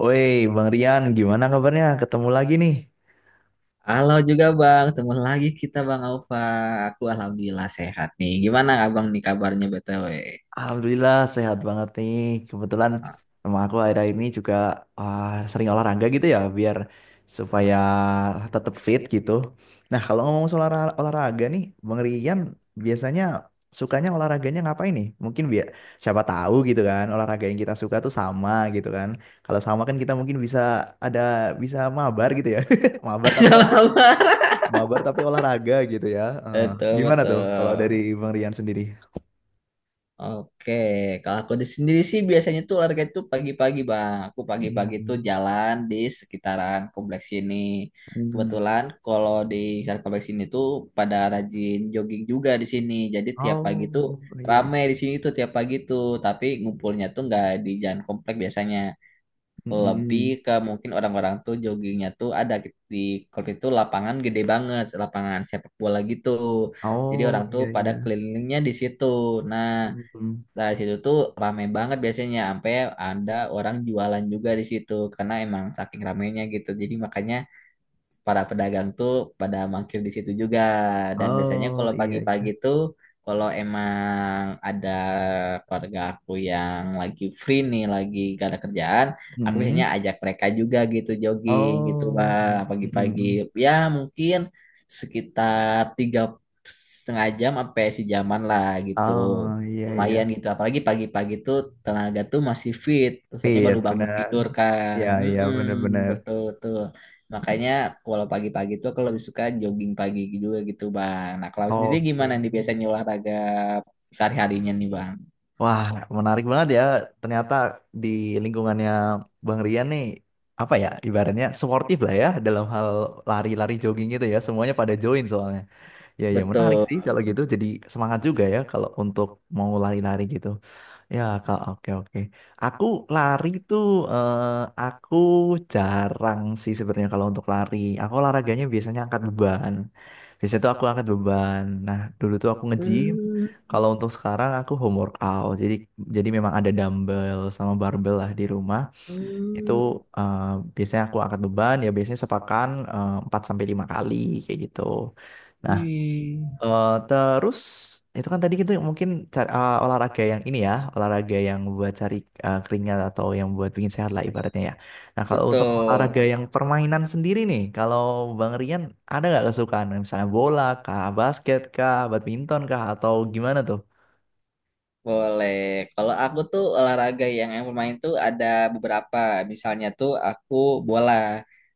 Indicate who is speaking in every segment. Speaker 1: Woi, Bang Rian, gimana kabarnya? Ketemu lagi nih.
Speaker 2: Halo juga Bang, ketemu lagi kita Bang Alfa. Aku alhamdulillah sehat nih. Gimana Abang nih kabarnya BTW?
Speaker 1: Alhamdulillah sehat banget nih. Kebetulan
Speaker 2: Ah,
Speaker 1: sama aku akhir-akhir ini juga ah, sering olahraga gitu ya, supaya tetap fit gitu. Nah, kalau ngomong soal olahraga nih, Bang Rian biasanya sukanya olahraganya ngapain nih? Mungkin biar siapa tahu gitu kan, olahraga yang kita suka tuh sama gitu kan. Kalau sama kan kita mungkin ada bisa mabar gitu ya. Mabar tapi
Speaker 2: sama-sama.
Speaker 1: Mabar tapi olahraga gitu ya.
Speaker 2: Betul,
Speaker 1: Gimana tuh kalau dari
Speaker 2: betul.
Speaker 1: Bang Rian sendiri?
Speaker 2: Oke, kalau aku di sendiri sih biasanya tuh olahraga itu pagi-pagi Bang. Aku pagi-pagi tuh
Speaker 1: Hmm,
Speaker 2: jalan di sekitaran kompleks ini.
Speaker 1: hmm.
Speaker 2: Kebetulan kalau di sekitaran kompleks ini tuh pada rajin jogging juga di sini. Jadi tiap pagi tuh
Speaker 1: Oh, iya.
Speaker 2: rame di sini tuh tiap pagi tuh. Tapi ngumpulnya tuh nggak di jalan kompleks biasanya. Lebih
Speaker 1: Hmm.
Speaker 2: ke mungkin orang-orang tuh joggingnya tuh ada di kalau itu lapangan gede banget, lapangan sepak bola gitu, jadi
Speaker 1: Oh,
Speaker 2: orang tuh
Speaker 1: iya
Speaker 2: pada
Speaker 1: iya.
Speaker 2: kelilingnya di situ. Nah,
Speaker 1: Hmm.
Speaker 2: dari situ tuh rame banget biasanya, sampai ada orang jualan juga di situ karena emang saking ramenya gitu, jadi makanya para pedagang tuh pada mangkir di situ juga. Dan biasanya
Speaker 1: Oh,
Speaker 2: kalau
Speaker 1: iya
Speaker 2: pagi-pagi
Speaker 1: iya.
Speaker 2: tuh, kalau emang ada keluarga aku yang lagi free nih, lagi gak ada kerjaan, aku biasanya
Speaker 1: Hmm.
Speaker 2: ajak mereka juga gitu jogging gitu,
Speaker 1: Oh.
Speaker 2: Bang, pagi-pagi.
Speaker 1: Hmm.
Speaker 2: Ya mungkin sekitar tiga setengah jam sampai sejaman lah gitu.
Speaker 1: Oh, iya
Speaker 2: Lumayan
Speaker 1: iya.
Speaker 2: gitu, apalagi pagi-pagi tuh tenaga tuh masih fit, soalnya
Speaker 1: Fit
Speaker 2: baru bangun
Speaker 1: benar.
Speaker 2: tidur kan.
Speaker 1: Iya iya,
Speaker 2: Mm-mm,
Speaker 1: benar-benar.
Speaker 2: betul betul. Makanya kalau pagi-pagi tuh aku lebih suka jogging pagi juga gitu Bang. Nah, kalau sendiri gimana
Speaker 1: Oke.
Speaker 2: nih biasanya olahraga sehari-harinya nih Bang?
Speaker 1: Wah, menarik banget ya. Ternyata di lingkungannya Bang Rian nih, apa ya, ibaratnya sportif lah ya, dalam hal lari-lari jogging gitu ya, semuanya pada join soalnya. Ya, ya menarik
Speaker 2: Betul.
Speaker 1: sih kalau gitu, jadi semangat juga ya kalau untuk mau lari-lari gitu. Ya, kalau oke oke. Aku lari tuh, eh, aku jarang sih sebenarnya kalau untuk lari. Aku olahraganya biasanya angkat beban. Biasanya tuh aku angkat beban. Nah, dulu tuh aku nge-gym.
Speaker 2: Hmm,
Speaker 1: Kalau untuk sekarang aku home workout. Jadi memang ada dumbbell sama barbell lah di rumah. Itu
Speaker 2: hmm,
Speaker 1: eh, biasanya aku angkat beban, ya biasanya sepakan 4 sampai 5 kali kayak gitu. Nah,
Speaker 2: wih.
Speaker 1: Terus itu kan tadi kita mungkin cari, olahraga yang ini ya, olahraga yang buat cari keringat atau yang buat bikin sehat lah ibaratnya ya. Nah, kalau untuk
Speaker 2: Betul.
Speaker 1: olahraga yang permainan sendiri nih, kalau Bang Rian ada nggak kesukaan misalnya bola kah, basket kah, badminton kah, atau gimana tuh?
Speaker 2: Boleh. Kalau aku tuh olahraga yang bermain tuh ada beberapa. Misalnya tuh aku bola.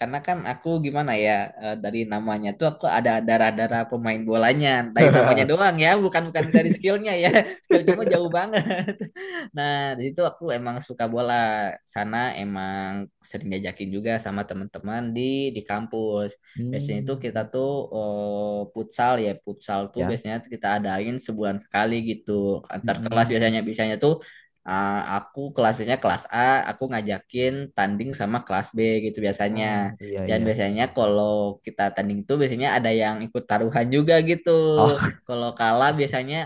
Speaker 2: Karena kan aku gimana ya, dari namanya tuh aku ada darah-darah pemain bolanya. Dari namanya doang ya, bukan bukan dari skillnya ya. Skillnya mah jauh banget. Nah, dari itu aku emang suka bola. Sana emang sering diajakin juga sama teman-teman di kampus. Biasanya itu kita
Speaker 1: Hmm,
Speaker 2: tuh, futsal ya, futsal tuh
Speaker 1: ya.
Speaker 2: biasanya kita adain sebulan sekali gitu. Antar kelas
Speaker 1: Mm-mm.
Speaker 2: biasanya biasanya tuh, ah, aku kelas biasanya kelas A, aku ngajakin tanding sama kelas B gitu biasanya.
Speaker 1: Oh, iya
Speaker 2: Dan
Speaker 1: iya.
Speaker 2: biasanya kalau kita tanding tuh biasanya ada yang ikut taruhan juga gitu.
Speaker 1: Oh.
Speaker 2: Kalau kalah biasanya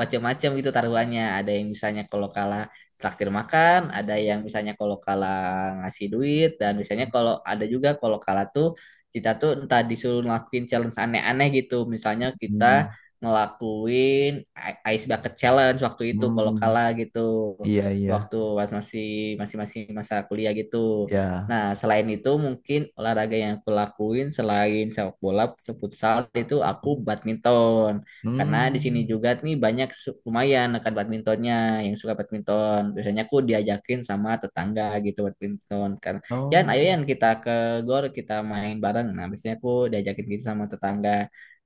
Speaker 2: macam-macam gitu taruhannya. Ada yang misalnya kalau kalah traktir makan, ada yang misalnya kalau kalah ngasih duit, dan misalnya kalau ada juga kalau kalah tuh kita tuh entah disuruh ngelakuin challenge aneh-aneh gitu, misalnya kita
Speaker 1: Hmm.
Speaker 2: ngelakuin ice bucket challenge waktu itu kalau
Speaker 1: Hmm.
Speaker 2: kalah gitu,
Speaker 1: Iya iya.
Speaker 2: waktu pas masih masih masih masa kuliah gitu.
Speaker 1: Ya.
Speaker 2: Nah, selain itu mungkin olahraga yang aku lakuin selain sepak bola futsal itu aku badminton, karena di sini
Speaker 1: Hmm.
Speaker 2: juga nih banyak lumayan rekan badmintonnya yang suka badminton. Biasanya aku diajakin sama tetangga gitu badminton. Kan, "Yan, ayo
Speaker 1: Oh.
Speaker 2: Yan kita ke gor, kita main bareng." Nah, biasanya aku diajakin gitu sama tetangga.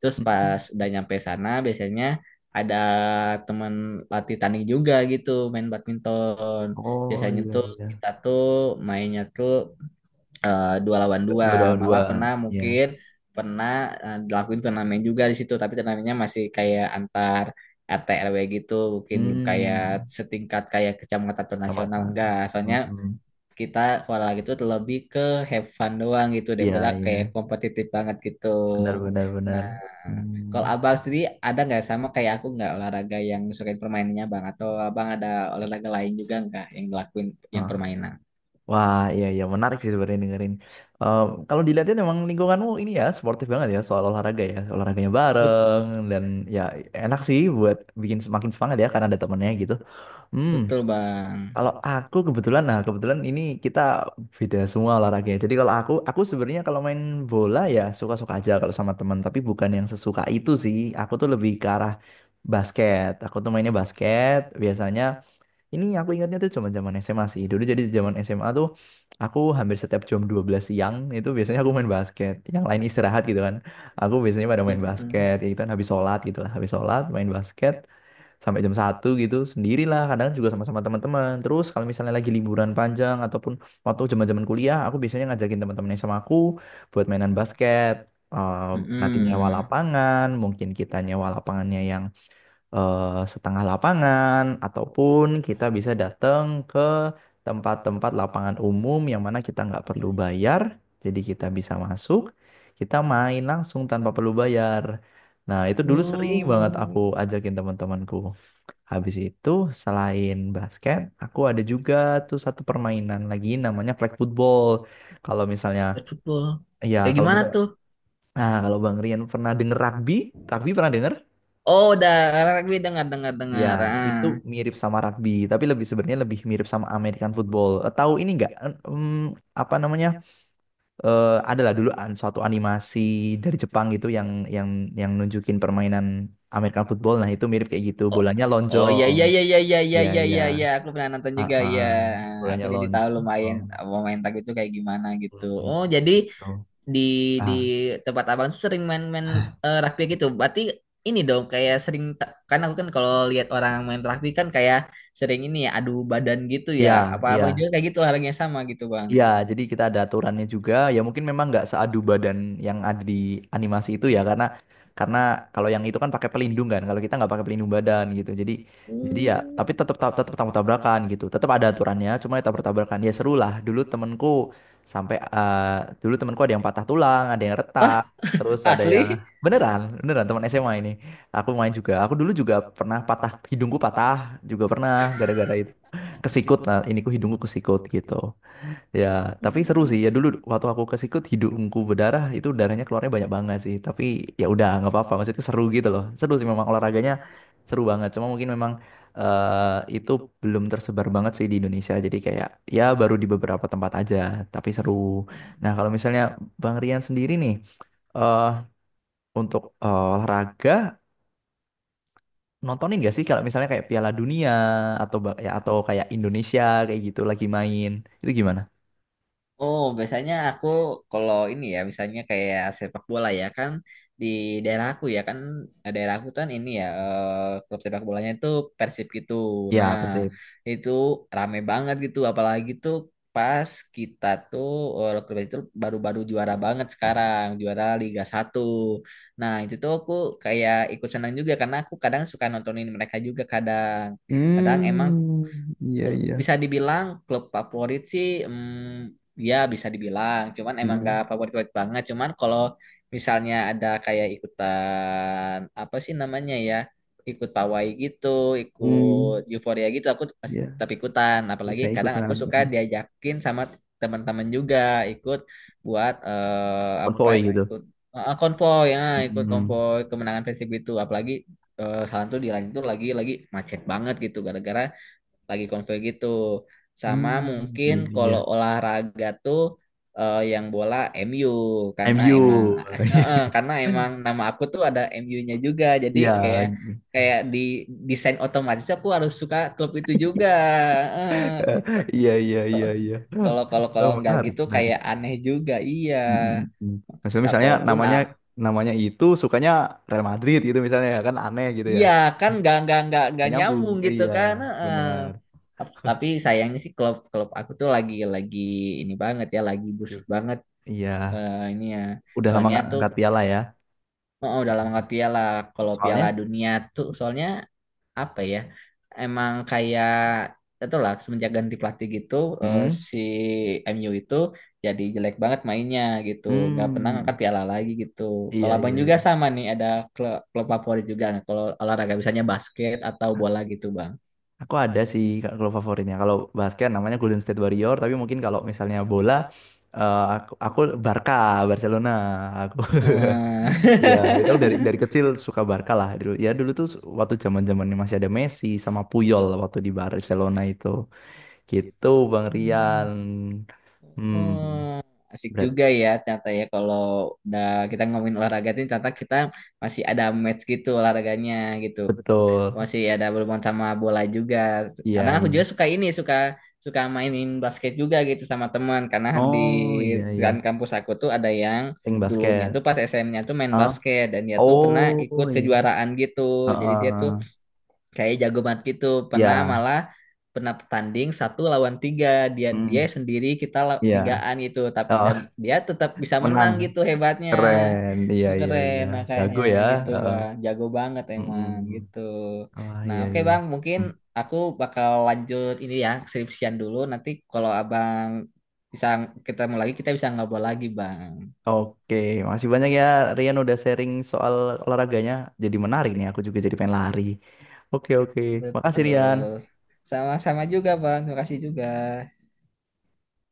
Speaker 2: Terus
Speaker 1: Mhm.
Speaker 2: pas udah nyampe sana biasanya ada teman latih tanding juga gitu main badminton.
Speaker 1: Oh,
Speaker 2: Biasanya
Speaker 1: iya
Speaker 2: tuh
Speaker 1: iya.
Speaker 2: kita tuh mainnya tuh, 2 lawan 2,
Speaker 1: Dua dua
Speaker 2: malah
Speaker 1: dua.
Speaker 2: pernah
Speaker 1: Ya.
Speaker 2: mungkin pernah, dilakuin turnamen juga di situ, tapi turnamennya masih kayak antar RT RW gitu mungkin, belum kayak
Speaker 1: Hmm.
Speaker 2: setingkat kayak kecamatan atau nasional,
Speaker 1: Kecamatan.
Speaker 2: enggak, soalnya
Speaker 1: Mhm.
Speaker 2: kita kalau gitu tuh lebih ke have fun doang gitu
Speaker 1: Iya
Speaker 2: daripada kayak
Speaker 1: iya.
Speaker 2: kompetitif banget gitu.
Speaker 1: Benar benar benar.
Speaker 2: Nah, kalau
Speaker 1: Hmm.
Speaker 2: abang sendiri ada nggak sama kayak aku nggak, olahraga yang sukain permainannya bang, atau abang ada olahraga lain juga nggak yang ngelakuin, yang
Speaker 1: Ah.
Speaker 2: permainan?
Speaker 1: Wah, iya iya, menarik sih sebenarnya dengerin. Eh, Kalau dilihatin emang lingkunganmu ini ya sportif banget ya soal olahraga ya, olahraganya
Speaker 2: Bet-
Speaker 1: bareng, dan ya enak sih buat bikin semakin semangat ya karena ada temennya gitu. Hmm.
Speaker 2: betul bang.
Speaker 1: Kalau aku kebetulan ini kita beda semua olahraganya. Jadi kalau aku sebenarnya kalau main bola ya suka-suka aja kalau sama teman, tapi bukan yang sesuka itu sih. Aku tuh lebih ke arah basket. Aku tuh mainnya basket biasanya. Ini aku ingatnya tuh zaman-zaman SMA sih. Dulu jadi zaman SMA tuh aku hampir setiap jam 12 siang itu biasanya aku main basket. Yang lain istirahat gitu kan. Aku biasanya pada main
Speaker 2: Betul.
Speaker 1: basket, ya gitu kan habis sholat gitu lah. Habis sholat main basket sampai jam 1 gitu, sendirilah, kadang juga sama-sama teman-teman. Terus kalau misalnya lagi liburan panjang ataupun waktu zaman-zaman kuliah, aku biasanya ngajakin teman-teman yang sama aku buat mainan basket. Eh, nanti nyewa
Speaker 2: Mm-mm.
Speaker 1: lapangan, mungkin kita nyewa lapangannya yang eh, setengah lapangan, ataupun kita bisa datang ke tempat-tempat lapangan umum yang mana kita nggak perlu bayar, jadi kita bisa masuk, kita main langsung tanpa perlu bayar. Nah, itu dulu sering banget aku
Speaker 2: Oh,
Speaker 1: ajakin teman-temanku. Habis itu selain basket, aku ada juga tuh satu permainan lagi namanya flag football. Kalau misalnya,
Speaker 2: udah football.
Speaker 1: ya
Speaker 2: Kayak
Speaker 1: kalau
Speaker 2: gimana
Speaker 1: misalnya,
Speaker 2: tuh?
Speaker 1: nah kalau Bang Rian pernah denger rugby, rugby pernah denger?
Speaker 2: Oh, udah rugby, dengar, dengar,
Speaker 1: Ya,
Speaker 2: dengar. Ah.
Speaker 1: itu mirip sama rugby, tapi lebih sebenarnya lebih mirip sama American football. Tahu ini nggak? Apa namanya? Adalah dulu suatu animasi dari Jepang gitu yang yang nunjukin permainan American football. Nah, itu mirip kayak gitu.
Speaker 2: Oh,
Speaker 1: Bolanya
Speaker 2: oh, iya,
Speaker 1: lonjong.
Speaker 2: iya, iya, iya, iya, iya,
Speaker 1: Ya,
Speaker 2: iya,
Speaker 1: ya.
Speaker 2: iya. Iya. Aku pernah nonton
Speaker 1: Ah,
Speaker 2: juga
Speaker 1: ah.
Speaker 2: ya. Aku
Speaker 1: Bolanya
Speaker 2: jadi tahu
Speaker 1: lonceng.
Speaker 2: lumayan
Speaker 1: Oh,
Speaker 2: pemain tag itu kayak gimana gitu.
Speaker 1: lonceng.
Speaker 2: Oh, jadi di di
Speaker 1: Ah,
Speaker 2: tempat abang tuh sering main-main, rugby gitu. Berarti ini dong kayak sering, kan aku kan kalau lihat orang main rugby kan kayak sering ini ya adu badan gitu ya.
Speaker 1: iya,
Speaker 2: Apa
Speaker 1: iya.
Speaker 2: abang juga kayak gitu olahraga yang sama gitu, Bang?
Speaker 1: Iya, jadi kita ada aturannya juga. Ya, mungkin memang nggak seadu badan yang ada di animasi itu ya, karena kalau yang itu kan pakai pelindung kan. Kalau kita nggak pakai pelindung badan gitu. Jadi ya,
Speaker 2: Hmm.
Speaker 1: tapi tetap tetap tetap tabrakan gitu. Tetap ada aturannya, cuma ya tabrak tabrakan. Ya, seru lah. Sampai eh, dulu temenku ada yang patah tulang, ada yang retak, terus ada yang
Speaker 2: Asli?
Speaker 1: beneran beneran teman SMA ini. Aku main juga. Aku dulu juga pernah patah, hidungku patah juga pernah gara-gara itu kesikut. Nah, ini ku hidungku kesikut gitu. Ya, tapi seru
Speaker 2: Hmm.
Speaker 1: sih. Ya, dulu waktu aku ke sikut hidungku berdarah, itu darahnya keluarnya banyak banget sih. Tapi ya udah nggak apa-apa. Maksudnya seru gitu loh. Seru sih memang olahraganya, seru banget. Cuma mungkin memang itu belum tersebar banget sih di Indonesia. Jadi kayak ya baru di beberapa tempat aja. Tapi seru. Nah, kalau misalnya Bang Rian sendiri nih eh untuk olahraga, nontonin gak sih kalau misalnya kayak Piala Dunia atau ya, atau kayak Indonesia kayak gitu lagi main, itu gimana?
Speaker 2: Oh, biasanya aku kalau ini ya, misalnya kayak sepak bola ya kan, di daerah aku ya kan, daerah aku kan ini ya, klub sepak bolanya itu Persib gitu. Nah,
Speaker 1: Ya, pasti.
Speaker 2: itu rame banget gitu apalagi tuh pas kita tuh, klub itu baru-baru juara banget sekarang, juara Liga 1. Nah, itu tuh aku kayak ikut senang juga karena aku kadang suka nontonin mereka juga kadang. Kadang emang
Speaker 1: Hmm, iya iya.
Speaker 2: bisa dibilang klub favorit sih, ya bisa dibilang, cuman emang gak
Speaker 1: Hmm,
Speaker 2: favorit favorit banget, cuman kalau misalnya ada kayak ikutan apa sih namanya ya, ikut pawai gitu, ikut
Speaker 1: hmm,
Speaker 2: euforia gitu, aku
Speaker 1: iya.
Speaker 2: tetap ikutan, apalagi
Speaker 1: Saya
Speaker 2: kadang
Speaker 1: ikutan
Speaker 2: aku suka
Speaker 1: mm,
Speaker 2: diajakin sama teman-teman juga ikut buat, apa
Speaker 1: konvoy gitu.
Speaker 2: ikut, konvoy ya, ikut
Speaker 1: Hmm,
Speaker 2: konvoy kemenangan Persib itu. Apalagi, salah tuh di lain itu lagi macet banget gitu gara-gara lagi konvoy gitu. Sama
Speaker 1: hmm,
Speaker 2: mungkin
Speaker 1: iya iya.
Speaker 2: kalau olahraga tuh, yang bola MU karena emang
Speaker 1: MU.
Speaker 2: eh, karena emang nama aku tuh ada MU-nya juga. Jadi
Speaker 1: Iya,
Speaker 2: kayak kayak di desain otomatis aku harus suka klub itu juga. Eh, so-
Speaker 1: iya iya iya iya.
Speaker 2: Kalau kalau
Speaker 1: Oh,
Speaker 2: kalau nggak
Speaker 1: menarik,
Speaker 2: gitu
Speaker 1: menarik.
Speaker 2: kayak aneh juga. Iya.
Speaker 1: Mm, mm, mm. Maksudnya
Speaker 2: Tak
Speaker 1: misalnya
Speaker 2: walaupun
Speaker 1: namanya
Speaker 2: ak-
Speaker 1: namanya itu sukanya Real Madrid gitu misalnya, ya kan aneh gitu ya.
Speaker 2: iya kan nggak nggak nggak
Speaker 1: Gak
Speaker 2: nggak
Speaker 1: nyambung.
Speaker 2: nyambung gitu
Speaker 1: Iya,
Speaker 2: kan. Eh,
Speaker 1: benar.
Speaker 2: tapi sayangnya sih klub klub aku tuh lagi ini banget ya, lagi
Speaker 1: Oke.
Speaker 2: busuk banget,
Speaker 1: Iya,
Speaker 2: ini ya.
Speaker 1: udah lama
Speaker 2: Soalnya
Speaker 1: nggak
Speaker 2: tuh,
Speaker 1: angkat piala ya.
Speaker 2: oh, udah lama piala. Kalau piala
Speaker 1: Soalnya,
Speaker 2: dunia tuh soalnya apa ya? Emang kayak itu lah semenjak ganti pelatih gitu, eh,
Speaker 1: mm,
Speaker 2: si MU itu jadi jelek banget mainnya gitu. Nggak pernah
Speaker 1: mm,
Speaker 2: ngangkat piala lagi gitu. Kalau
Speaker 1: iya
Speaker 2: abang
Speaker 1: iya
Speaker 2: juga
Speaker 1: iya.
Speaker 2: sama nih, ada klub favorit juga nggak? Kalau olahraga misalnya basket atau bola gitu bang.
Speaker 1: Aku ada sih Kak, kalau favoritnya. Kalau basket namanya Golden State Warrior, tapi mungkin kalau misalnya bola aku Barca, Barcelona. Aku
Speaker 2: Hmm.
Speaker 1: ya itu dari kecil suka Barca lah dulu. Ya dulu tuh waktu zaman-zamannya masih ada Messi sama Puyol waktu di Barcelona itu. Gitu Bang Rian. Hmm,
Speaker 2: Asik
Speaker 1: berat.
Speaker 2: juga ya ternyata ya, kalau udah kita ngomongin olahraga ini, ternyata kita masih ada match gitu olahraganya gitu.
Speaker 1: Betul.
Speaker 2: Masih ada berhubungan sama bola juga.
Speaker 1: Iya,
Speaker 2: Kadang aku
Speaker 1: iya.
Speaker 2: juga suka ini, suka suka mainin basket juga gitu sama teman, karena di
Speaker 1: Oh, iya
Speaker 2: dekat
Speaker 1: iya.
Speaker 2: kampus aku tuh ada yang
Speaker 1: Pink
Speaker 2: dulunya
Speaker 1: basket.
Speaker 2: tuh pas SM-nya tuh main
Speaker 1: ah
Speaker 2: basket dan dia tuh pernah ikut
Speaker 1: Oh, iya.
Speaker 2: kejuaraan gitu. Jadi dia tuh
Speaker 1: Heeh.
Speaker 2: kayak jago banget gitu, pernah
Speaker 1: Ya.
Speaker 2: malah pernah tanding 1 lawan 3, dia dia
Speaker 1: Hmm,
Speaker 2: sendiri kita
Speaker 1: iya.
Speaker 2: tigaan gitu tapi, dan
Speaker 1: Heeh.
Speaker 2: dia tetap bisa
Speaker 1: Menang.
Speaker 2: menang gitu hebatnya.
Speaker 1: Keren. Iya,
Speaker 2: Oh,
Speaker 1: iya,
Speaker 2: keren
Speaker 1: iya. Jago
Speaker 2: makanya
Speaker 1: ya.
Speaker 2: gitu
Speaker 1: Heeh.
Speaker 2: bang, jago banget emang
Speaker 1: Mm-mm.
Speaker 2: gitu.
Speaker 1: Wah,
Speaker 2: Nah,
Speaker 1: iya,
Speaker 2: oke
Speaker 1: iya.
Speaker 2: bang, mungkin
Speaker 1: Mm.
Speaker 2: aku bakal lanjut ini ya skripsian dulu, nanti kalau abang bisa ketemu lagi kita bisa ngobrol lagi bang.
Speaker 1: Oke, masih banyak ya Rian udah sharing soal olahraganya. Jadi menarik nih, aku juga jadi pengen lari. Oke, oke. Makasih
Speaker 2: Betul.
Speaker 1: Rian.
Speaker 2: Sama-sama juga bang, terima kasih juga.